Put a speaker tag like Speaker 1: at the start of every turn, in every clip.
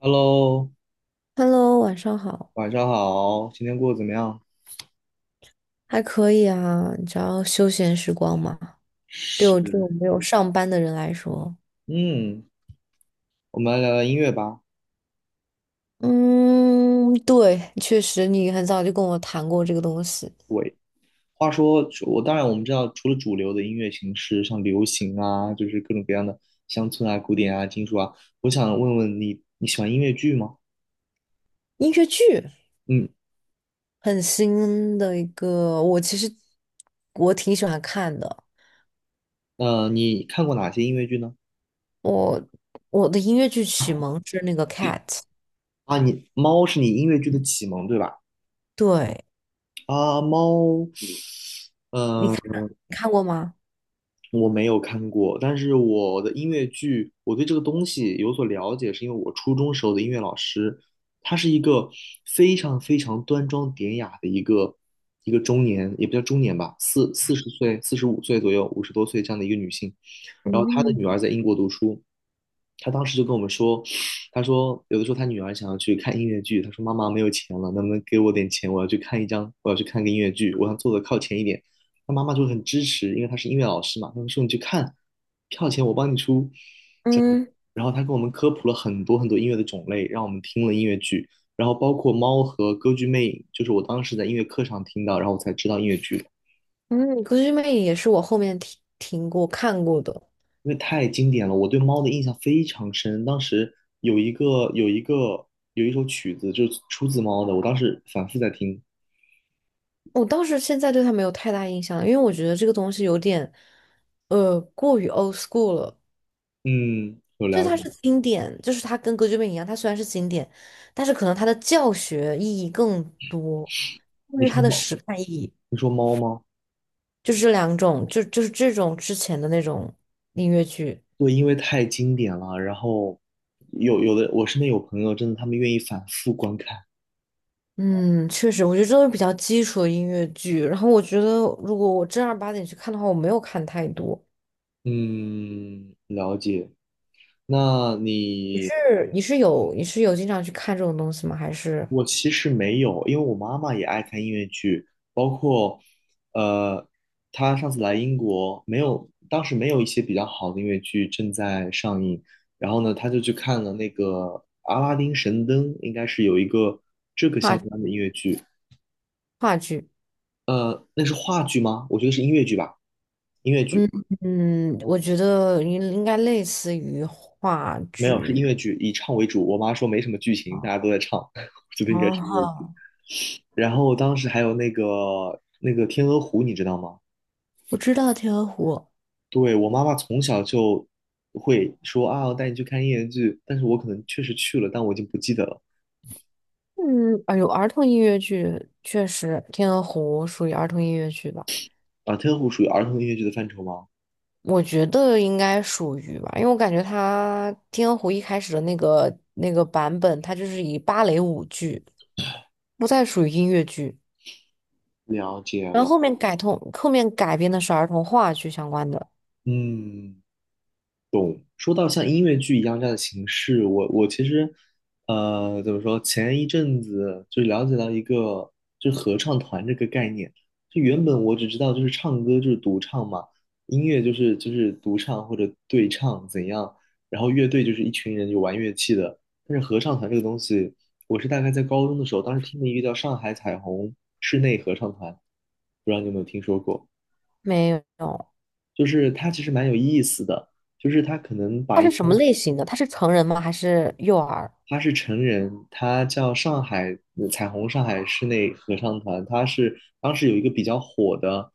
Speaker 1: Hello，
Speaker 2: Hello，晚上好。
Speaker 1: 晚上好，今天过得怎么样？
Speaker 2: 还可以啊，你知道休闲时光吗？对我这种
Speaker 1: 是，
Speaker 2: 没有上班的人来说，
Speaker 1: 嗯，我们来聊聊音乐吧。
Speaker 2: 嗯，对，确实你很早就跟我谈过这个东西。
Speaker 1: 喂，话说，我当然我们知道，除了主流的音乐形式，像流行啊，就是各种各样的乡村啊、古典啊、金属啊，我想问问你，你喜欢音乐剧吗？
Speaker 2: 音乐剧
Speaker 1: 嗯，
Speaker 2: 很新的一个，我其实，我挺喜欢看的。
Speaker 1: 你看过哪些音乐剧呢？
Speaker 2: 我我的音乐剧启蒙是那个《Cat》。
Speaker 1: 啊，你《猫》是你音乐剧的启蒙，对吧？
Speaker 2: 对，
Speaker 1: 啊，《猫》嗯，
Speaker 2: 你看你看过吗？
Speaker 1: 我没有看过，但是我的音乐剧，我对这个东西有所了解，是因为我初中时候的音乐老师，她是一个非常非常端庄典雅的一个中年，也不叫中年吧，40岁、45岁左右、50多岁这样的一个女性，然后他的
Speaker 2: 嗯
Speaker 1: 女儿在英国读书，他当时就跟我们说，他说有的时候他女儿想要去看音乐剧，他说妈妈没有钱了，能不能给我点钱？我要去看一张，我要去看个音乐剧，我想坐的靠前一点。他妈妈就很支持，因为他是音乐老师嘛，他们说你去看，票钱我帮你出。
Speaker 2: 嗯
Speaker 1: 然后他给我们科普了很多很多音乐的种类，让我们听了音乐剧，然后包括《猫》和《歌剧魅影》，就是我当时在音乐课上听到，然后我才知道音乐剧的。
Speaker 2: 嗯，《歌剧魅影》也是我后面听过看过的。
Speaker 1: 因为太经典了，我对猫的印象非常深。当时有一个有一个有一首曲子就是出自猫的，我当时反复在听。
Speaker 2: 我倒是现在对他没有太大印象了，因为我觉得这个东西有点，过于 old school 了。
Speaker 1: 嗯，有
Speaker 2: 就是
Speaker 1: 了解。
Speaker 2: 它是经典，就是它跟歌剧魅影一样，它虽然是经典，但是可能它的教学意义更多，因
Speaker 1: 你
Speaker 2: 为它
Speaker 1: 说
Speaker 2: 的
Speaker 1: 猫，
Speaker 2: 时代意义。
Speaker 1: 你说猫吗？
Speaker 2: 就是这两种，就是这种之前的那种音乐剧。
Speaker 1: 对，因为太经典了。然后有的，我身边有朋友真的他们愿意反复观看。
Speaker 2: 嗯，确实，我觉得这都是比较基础的音乐剧。然后我觉得，如果我正儿八经去看的话，我没有看太多。
Speaker 1: 嗯，了解。那
Speaker 2: 你
Speaker 1: 你
Speaker 2: 是你是有你是有经常去看这种东西吗？还是
Speaker 1: 我其实没有，因为我妈妈也爱看音乐剧，包括，呃，她上次来英国，没有，当时没有一些比较好的音乐剧正在上映，然后呢，她就去看了那个《阿拉丁神灯》，应该是有一个这个相关
Speaker 2: 话
Speaker 1: 的音乐剧，
Speaker 2: 话剧？
Speaker 1: 那是话剧吗？我觉得是音乐剧吧，
Speaker 2: 嗯嗯，我觉得应该类似于话
Speaker 1: 没有，是音
Speaker 2: 剧。
Speaker 1: 乐剧，以唱为主。我妈说没什么剧情，大
Speaker 2: 啊，
Speaker 1: 家都在唱，我觉得应该
Speaker 2: 啊
Speaker 1: 是音乐剧。
Speaker 2: 哈，
Speaker 1: 然后当时还有那个《天鹅湖》，你知道吗？
Speaker 2: 我知道《天鹅湖》。
Speaker 1: 对，我妈妈从小就会说啊，我带你去看音乐剧，但是我可能确实去了，但我已经不记得了。
Speaker 2: 嗯，哎呦，有儿童音乐剧确实，《天鹅湖》属于儿童音乐剧吧？
Speaker 1: 啊，特护属于儿童音乐剧的范畴吗？
Speaker 2: 我觉得应该属于吧，因为我感觉它《天鹅湖》一开始的那个版本，它就是以芭蕾舞剧，不再属于音乐剧。
Speaker 1: 了解
Speaker 2: 然后
Speaker 1: 了。
Speaker 2: 后面改通，后面改编的是儿童话剧相关的。
Speaker 1: 嗯。说到像音乐剧一样这样的形式，我其实，怎么说？前一阵子就了解到一个，就是合唱团这个概念。就原本我只知道就是唱歌就是独唱嘛，音乐就是独唱或者对唱怎样，然后乐队就是一群人就玩乐器的。但是合唱团这个东西，我是大概在高中的时候，当时听了一个叫上海彩虹室内合唱团，不知道你有没有听说过？
Speaker 2: 没有。
Speaker 1: 就是它其实蛮有意思的。就是他可能
Speaker 2: 他
Speaker 1: 把一
Speaker 2: 是什么类型的？他是成人吗？还是幼儿？
Speaker 1: 他是成人，他叫上海彩虹上海室内合唱团，他是当时有一个比较火的，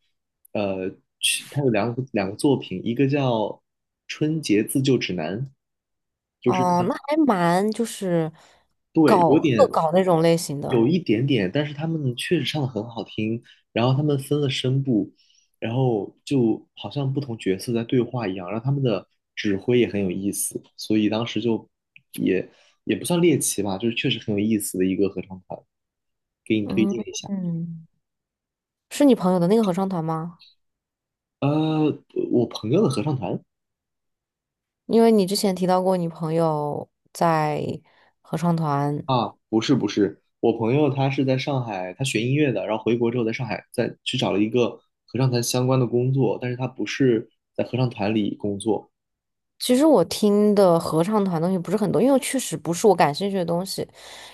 Speaker 1: 呃，曲他有两个作品，一个叫《春节自救指南》，就是
Speaker 2: 哦，那还蛮就是
Speaker 1: 对，
Speaker 2: 搞
Speaker 1: 有
Speaker 2: 恶
Speaker 1: 点
Speaker 2: 搞那种类型的。
Speaker 1: 有一点点，但是他们确实唱的很好听，然后他们分了声部，然后就好像不同角色在对话一样，然后他们的指挥也很有意思，所以当时就也也不算猎奇吧，就是确实很有意思的一个合唱团，给你推
Speaker 2: 嗯
Speaker 1: 荐一下。
Speaker 2: 嗯，是你朋友的那个合唱团吗？
Speaker 1: 呃，我朋友的合唱团
Speaker 2: 因为你之前提到过你朋友在合唱团。
Speaker 1: 啊，不是不是，我朋友他是在上海，他学音乐的，然后回国之后在上海再去找了一个合唱团相关的工作，但是他不是在合唱团里工作。
Speaker 2: 其实我听的合唱团东西不是很多，因为确实不是我感兴趣的东西。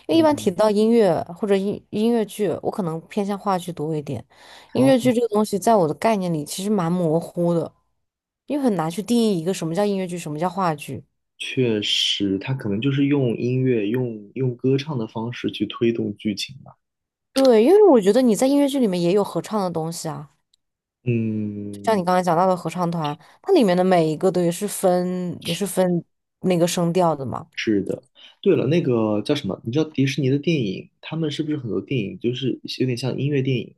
Speaker 2: 因为一般提
Speaker 1: 嗯，
Speaker 2: 到音乐或者音乐剧，我可能偏向话剧多一点。音乐
Speaker 1: 哦，
Speaker 2: 剧这个东西，在我的概念里其实蛮模糊的，因为很难去定义一个什么叫音乐剧，什么叫话剧。
Speaker 1: 确实，他可能就是用音乐、用歌唱的方式去推动剧情吧。
Speaker 2: 对，因为我觉得你在音乐剧里面也有合唱的东西啊，就像
Speaker 1: 嗯，
Speaker 2: 你刚才讲到的合唱团，它里面的每一个都也是分那个声调的嘛。
Speaker 1: 对了，那个叫什么？你知道迪士尼的电影，他们是不是很多电影就是有点像音乐电影？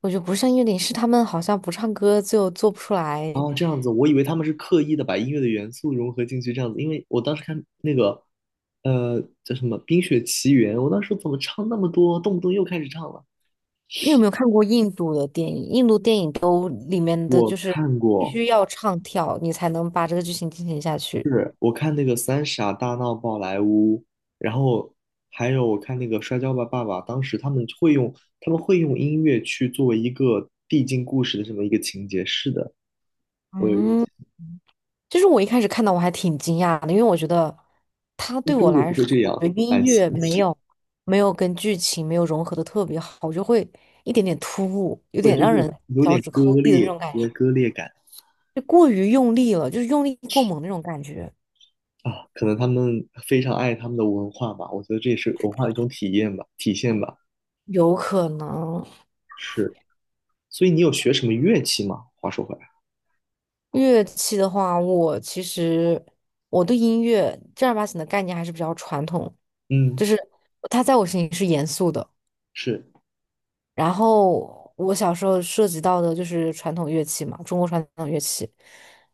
Speaker 2: 我觉得不像音乐里是他们好像不唱歌就做不出来。
Speaker 1: 哦，这样子，我以为他们是刻意的把音乐的元素融合进去，这样子。因为我当时看那个，叫什么《冰雪奇缘》，我当时怎么唱那么多，动不动又开始唱了。
Speaker 2: 你有没有看过印度的电影？印度电影都里面的
Speaker 1: 我
Speaker 2: 就是
Speaker 1: 看
Speaker 2: 必
Speaker 1: 过，
Speaker 2: 须要唱跳，你才能把这个剧情进行下去。
Speaker 1: 是我看那个《三傻大闹宝莱坞》，然后还有我看那个《摔跤吧，爸爸》，当时他们会用音乐去作为一个递进故事的这么一个情节。是的，我有印
Speaker 2: 嗯，就是我一开始看到我还挺惊讶的，因为我觉得它
Speaker 1: 象
Speaker 2: 对我
Speaker 1: 中国
Speaker 2: 来
Speaker 1: 不会
Speaker 2: 说，
Speaker 1: 这
Speaker 2: 我
Speaker 1: 样，
Speaker 2: 的音
Speaker 1: 蛮新
Speaker 2: 乐没
Speaker 1: 奇。
Speaker 2: 有没有跟剧情没有融合的特别好，我就会一点点突兀，有
Speaker 1: 对，
Speaker 2: 点
Speaker 1: 就
Speaker 2: 让人
Speaker 1: 是有
Speaker 2: 脚
Speaker 1: 点
Speaker 2: 趾
Speaker 1: 割
Speaker 2: 抠地的那
Speaker 1: 裂，
Speaker 2: 种感
Speaker 1: 有
Speaker 2: 觉，
Speaker 1: 点割裂感
Speaker 2: 就过于用力了，就是用力过猛那种感觉。
Speaker 1: 啊。可能他们非常爱他们的文化吧，我觉得这也是文化的一种体现吧。
Speaker 2: 有可能，
Speaker 1: 是，所以你有学什么乐器吗？话说回来，
Speaker 2: 乐器的话，我其实，我对音乐正儿八经的概念还是比较传统，
Speaker 1: 嗯，
Speaker 2: 就是它在我心里是严肃的。
Speaker 1: 是。
Speaker 2: 然后我小时候涉及到的就是传统乐器嘛，中国传统乐器，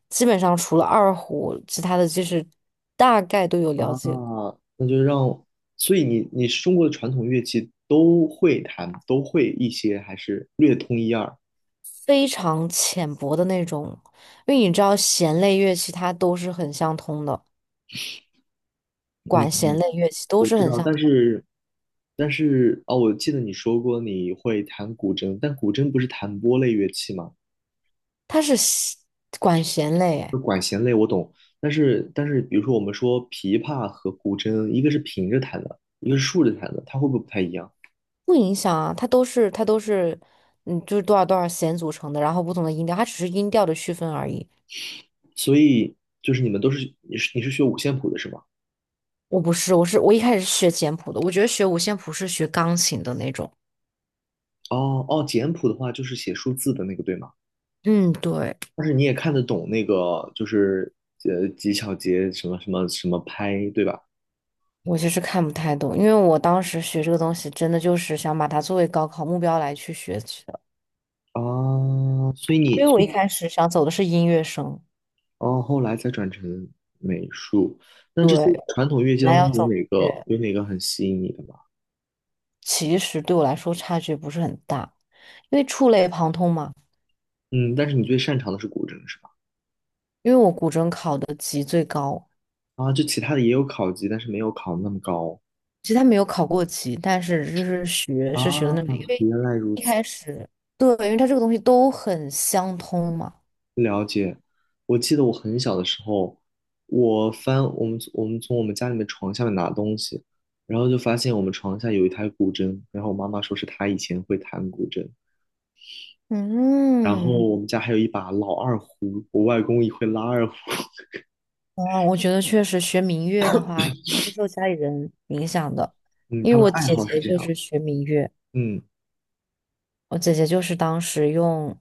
Speaker 2: 基本上除了二胡，其他的就是大概都有了
Speaker 1: 啊，
Speaker 2: 解，
Speaker 1: 那就让，所以你是中国的传统乐器都会弹，都会一些，还是略通一二？
Speaker 2: 非常浅薄的那种。因为你知道弦类乐器它都是很相通的，
Speaker 1: 嗯，
Speaker 2: 管弦
Speaker 1: 嗯，
Speaker 2: 类乐器都
Speaker 1: 我
Speaker 2: 是
Speaker 1: 知
Speaker 2: 很
Speaker 1: 道，
Speaker 2: 相
Speaker 1: 但
Speaker 2: 通，
Speaker 1: 是但是哦，我记得你说过你会弹古筝，但古筝不是弹拨类乐器吗？
Speaker 2: 它是弦管弦类诶。
Speaker 1: 懂。但是，比如说我们说琵琶和古筝，一个是平着弹的，一个是竖着弹的，它会不会不太一样？
Speaker 2: 不影响啊，它都是，嗯，就是多少多少弦组成的，然后不同的音调，它只是音调的区分而已。
Speaker 1: 所以就是你们都是你是学五线谱的是吗？
Speaker 2: 我不是，我一开始是学简谱的，我觉得学五线谱是学钢琴的那种。
Speaker 1: 哦哦，简谱的话就是写数字的那个对吗？
Speaker 2: 嗯，对，
Speaker 1: 但是你也看得懂那个，就是几小节什么什么什么拍，对吧？
Speaker 2: 我其实看不太懂，因为我当时学这个东西，真的就是想把它作为高考目标来去学习的。
Speaker 1: 啊，所以
Speaker 2: 因
Speaker 1: 你
Speaker 2: 为我一开始想走的是音乐生。
Speaker 1: 哦，后来才转成美术。那这些传统乐器
Speaker 2: 本来
Speaker 1: 当
Speaker 2: 要
Speaker 1: 中有
Speaker 2: 走音
Speaker 1: 哪个
Speaker 2: 乐，
Speaker 1: 有哪个很吸引你的吗？
Speaker 2: 其实对我来说差距不是很大，因为触类旁通嘛。
Speaker 1: 嗯，但是你最擅长的是古筝是吧？
Speaker 2: 因为我古筝考的级最高，
Speaker 1: 啊，就其他的也有考级，但是没有考那么高。
Speaker 2: 其实他没有考过级，但是就是学
Speaker 1: 啊，
Speaker 2: 是学的那个，因为
Speaker 1: 原来如
Speaker 2: 一
Speaker 1: 此。
Speaker 2: 开始对，因为它这个东西都很相通嘛。
Speaker 1: 了解，我记得我很小的时候，我翻我们从我们家里面床下面拿东西，然后就发现我们床下有一台古筝，然后我妈妈说是她以前会弹古筝，然后
Speaker 2: 嗯，
Speaker 1: 我们家还有一把老二胡，我外公也会拉二胡，
Speaker 2: 啊，我觉得确实学民乐的话，肯定是受家里人影响的，
Speaker 1: 嗯，
Speaker 2: 因
Speaker 1: 他
Speaker 2: 为
Speaker 1: 们
Speaker 2: 我
Speaker 1: 的爱
Speaker 2: 姐
Speaker 1: 好是
Speaker 2: 姐
Speaker 1: 这
Speaker 2: 就
Speaker 1: 样，
Speaker 2: 是学民乐，
Speaker 1: 嗯
Speaker 2: 我姐姐就是当时用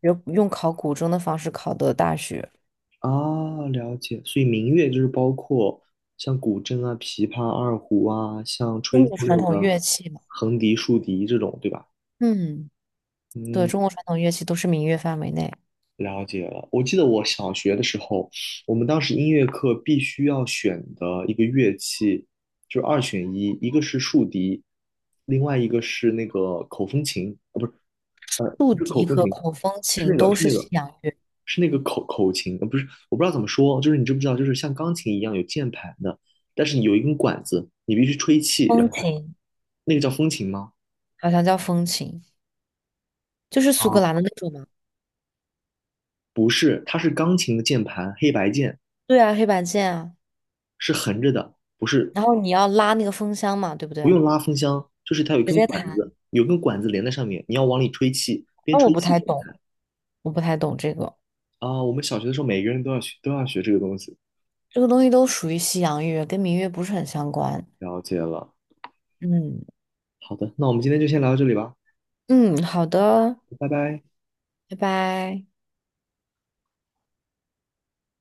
Speaker 2: 用用考古筝的方式考的大学，
Speaker 1: 啊，了解，所以民乐就是包括像古筝啊、琵琶、二胡啊，像
Speaker 2: 中
Speaker 1: 吹奏
Speaker 2: 国传
Speaker 1: 类
Speaker 2: 统
Speaker 1: 的
Speaker 2: 乐器嘛。
Speaker 1: 横笛、竖笛这种，对吧？
Speaker 2: 嗯，对，
Speaker 1: 嗯，
Speaker 2: 中国传统乐器都是民乐范围内。
Speaker 1: 了解了。我记得我小学的时候，我们当时音乐课必须要选的一个乐器，就是二选一，一个是竖笛，另外一个是那个口风琴，啊，不是，
Speaker 2: 竖
Speaker 1: 不是
Speaker 2: 笛
Speaker 1: 口风
Speaker 2: 和
Speaker 1: 琴，
Speaker 2: 口风
Speaker 1: 是
Speaker 2: 琴
Speaker 1: 那个，
Speaker 2: 都
Speaker 1: 是
Speaker 2: 是
Speaker 1: 那
Speaker 2: 西
Speaker 1: 个，
Speaker 2: 洋乐。
Speaker 1: 是那个口琴，不是，我不知道怎么说，就是你知不知道，就是像钢琴一样有键盘的，但是你有一根管子，你必须吹气，然
Speaker 2: 风
Speaker 1: 后它
Speaker 2: 琴。
Speaker 1: 那个叫风琴吗？
Speaker 2: 好像叫风琴，就是苏格
Speaker 1: 啊，
Speaker 2: 兰的那种嘛。
Speaker 1: 不是，它是钢琴的键盘，黑白键，
Speaker 2: 对啊，黑白键啊，
Speaker 1: 是横着的，不是
Speaker 2: 然后你要拉那个风箱嘛，对不
Speaker 1: 不
Speaker 2: 对？
Speaker 1: 用拉风箱，就是它有一
Speaker 2: 直
Speaker 1: 根
Speaker 2: 接
Speaker 1: 管
Speaker 2: 弹。
Speaker 1: 子，有根管子连在上面，你要往里吹气，边
Speaker 2: 那我
Speaker 1: 吹
Speaker 2: 不
Speaker 1: 气
Speaker 2: 太
Speaker 1: 边
Speaker 2: 懂，
Speaker 1: 弹。
Speaker 2: 我不太懂这个。
Speaker 1: 啊，我们小学的时候每个人都要学，这个东西。
Speaker 2: 这个东西都属于西洋乐，跟民乐不是很相关。
Speaker 1: 了解了，
Speaker 2: 嗯
Speaker 1: 好的，那我们今天就先聊到这里吧，
Speaker 2: 嗯，好的，
Speaker 1: 拜拜。
Speaker 2: 拜拜。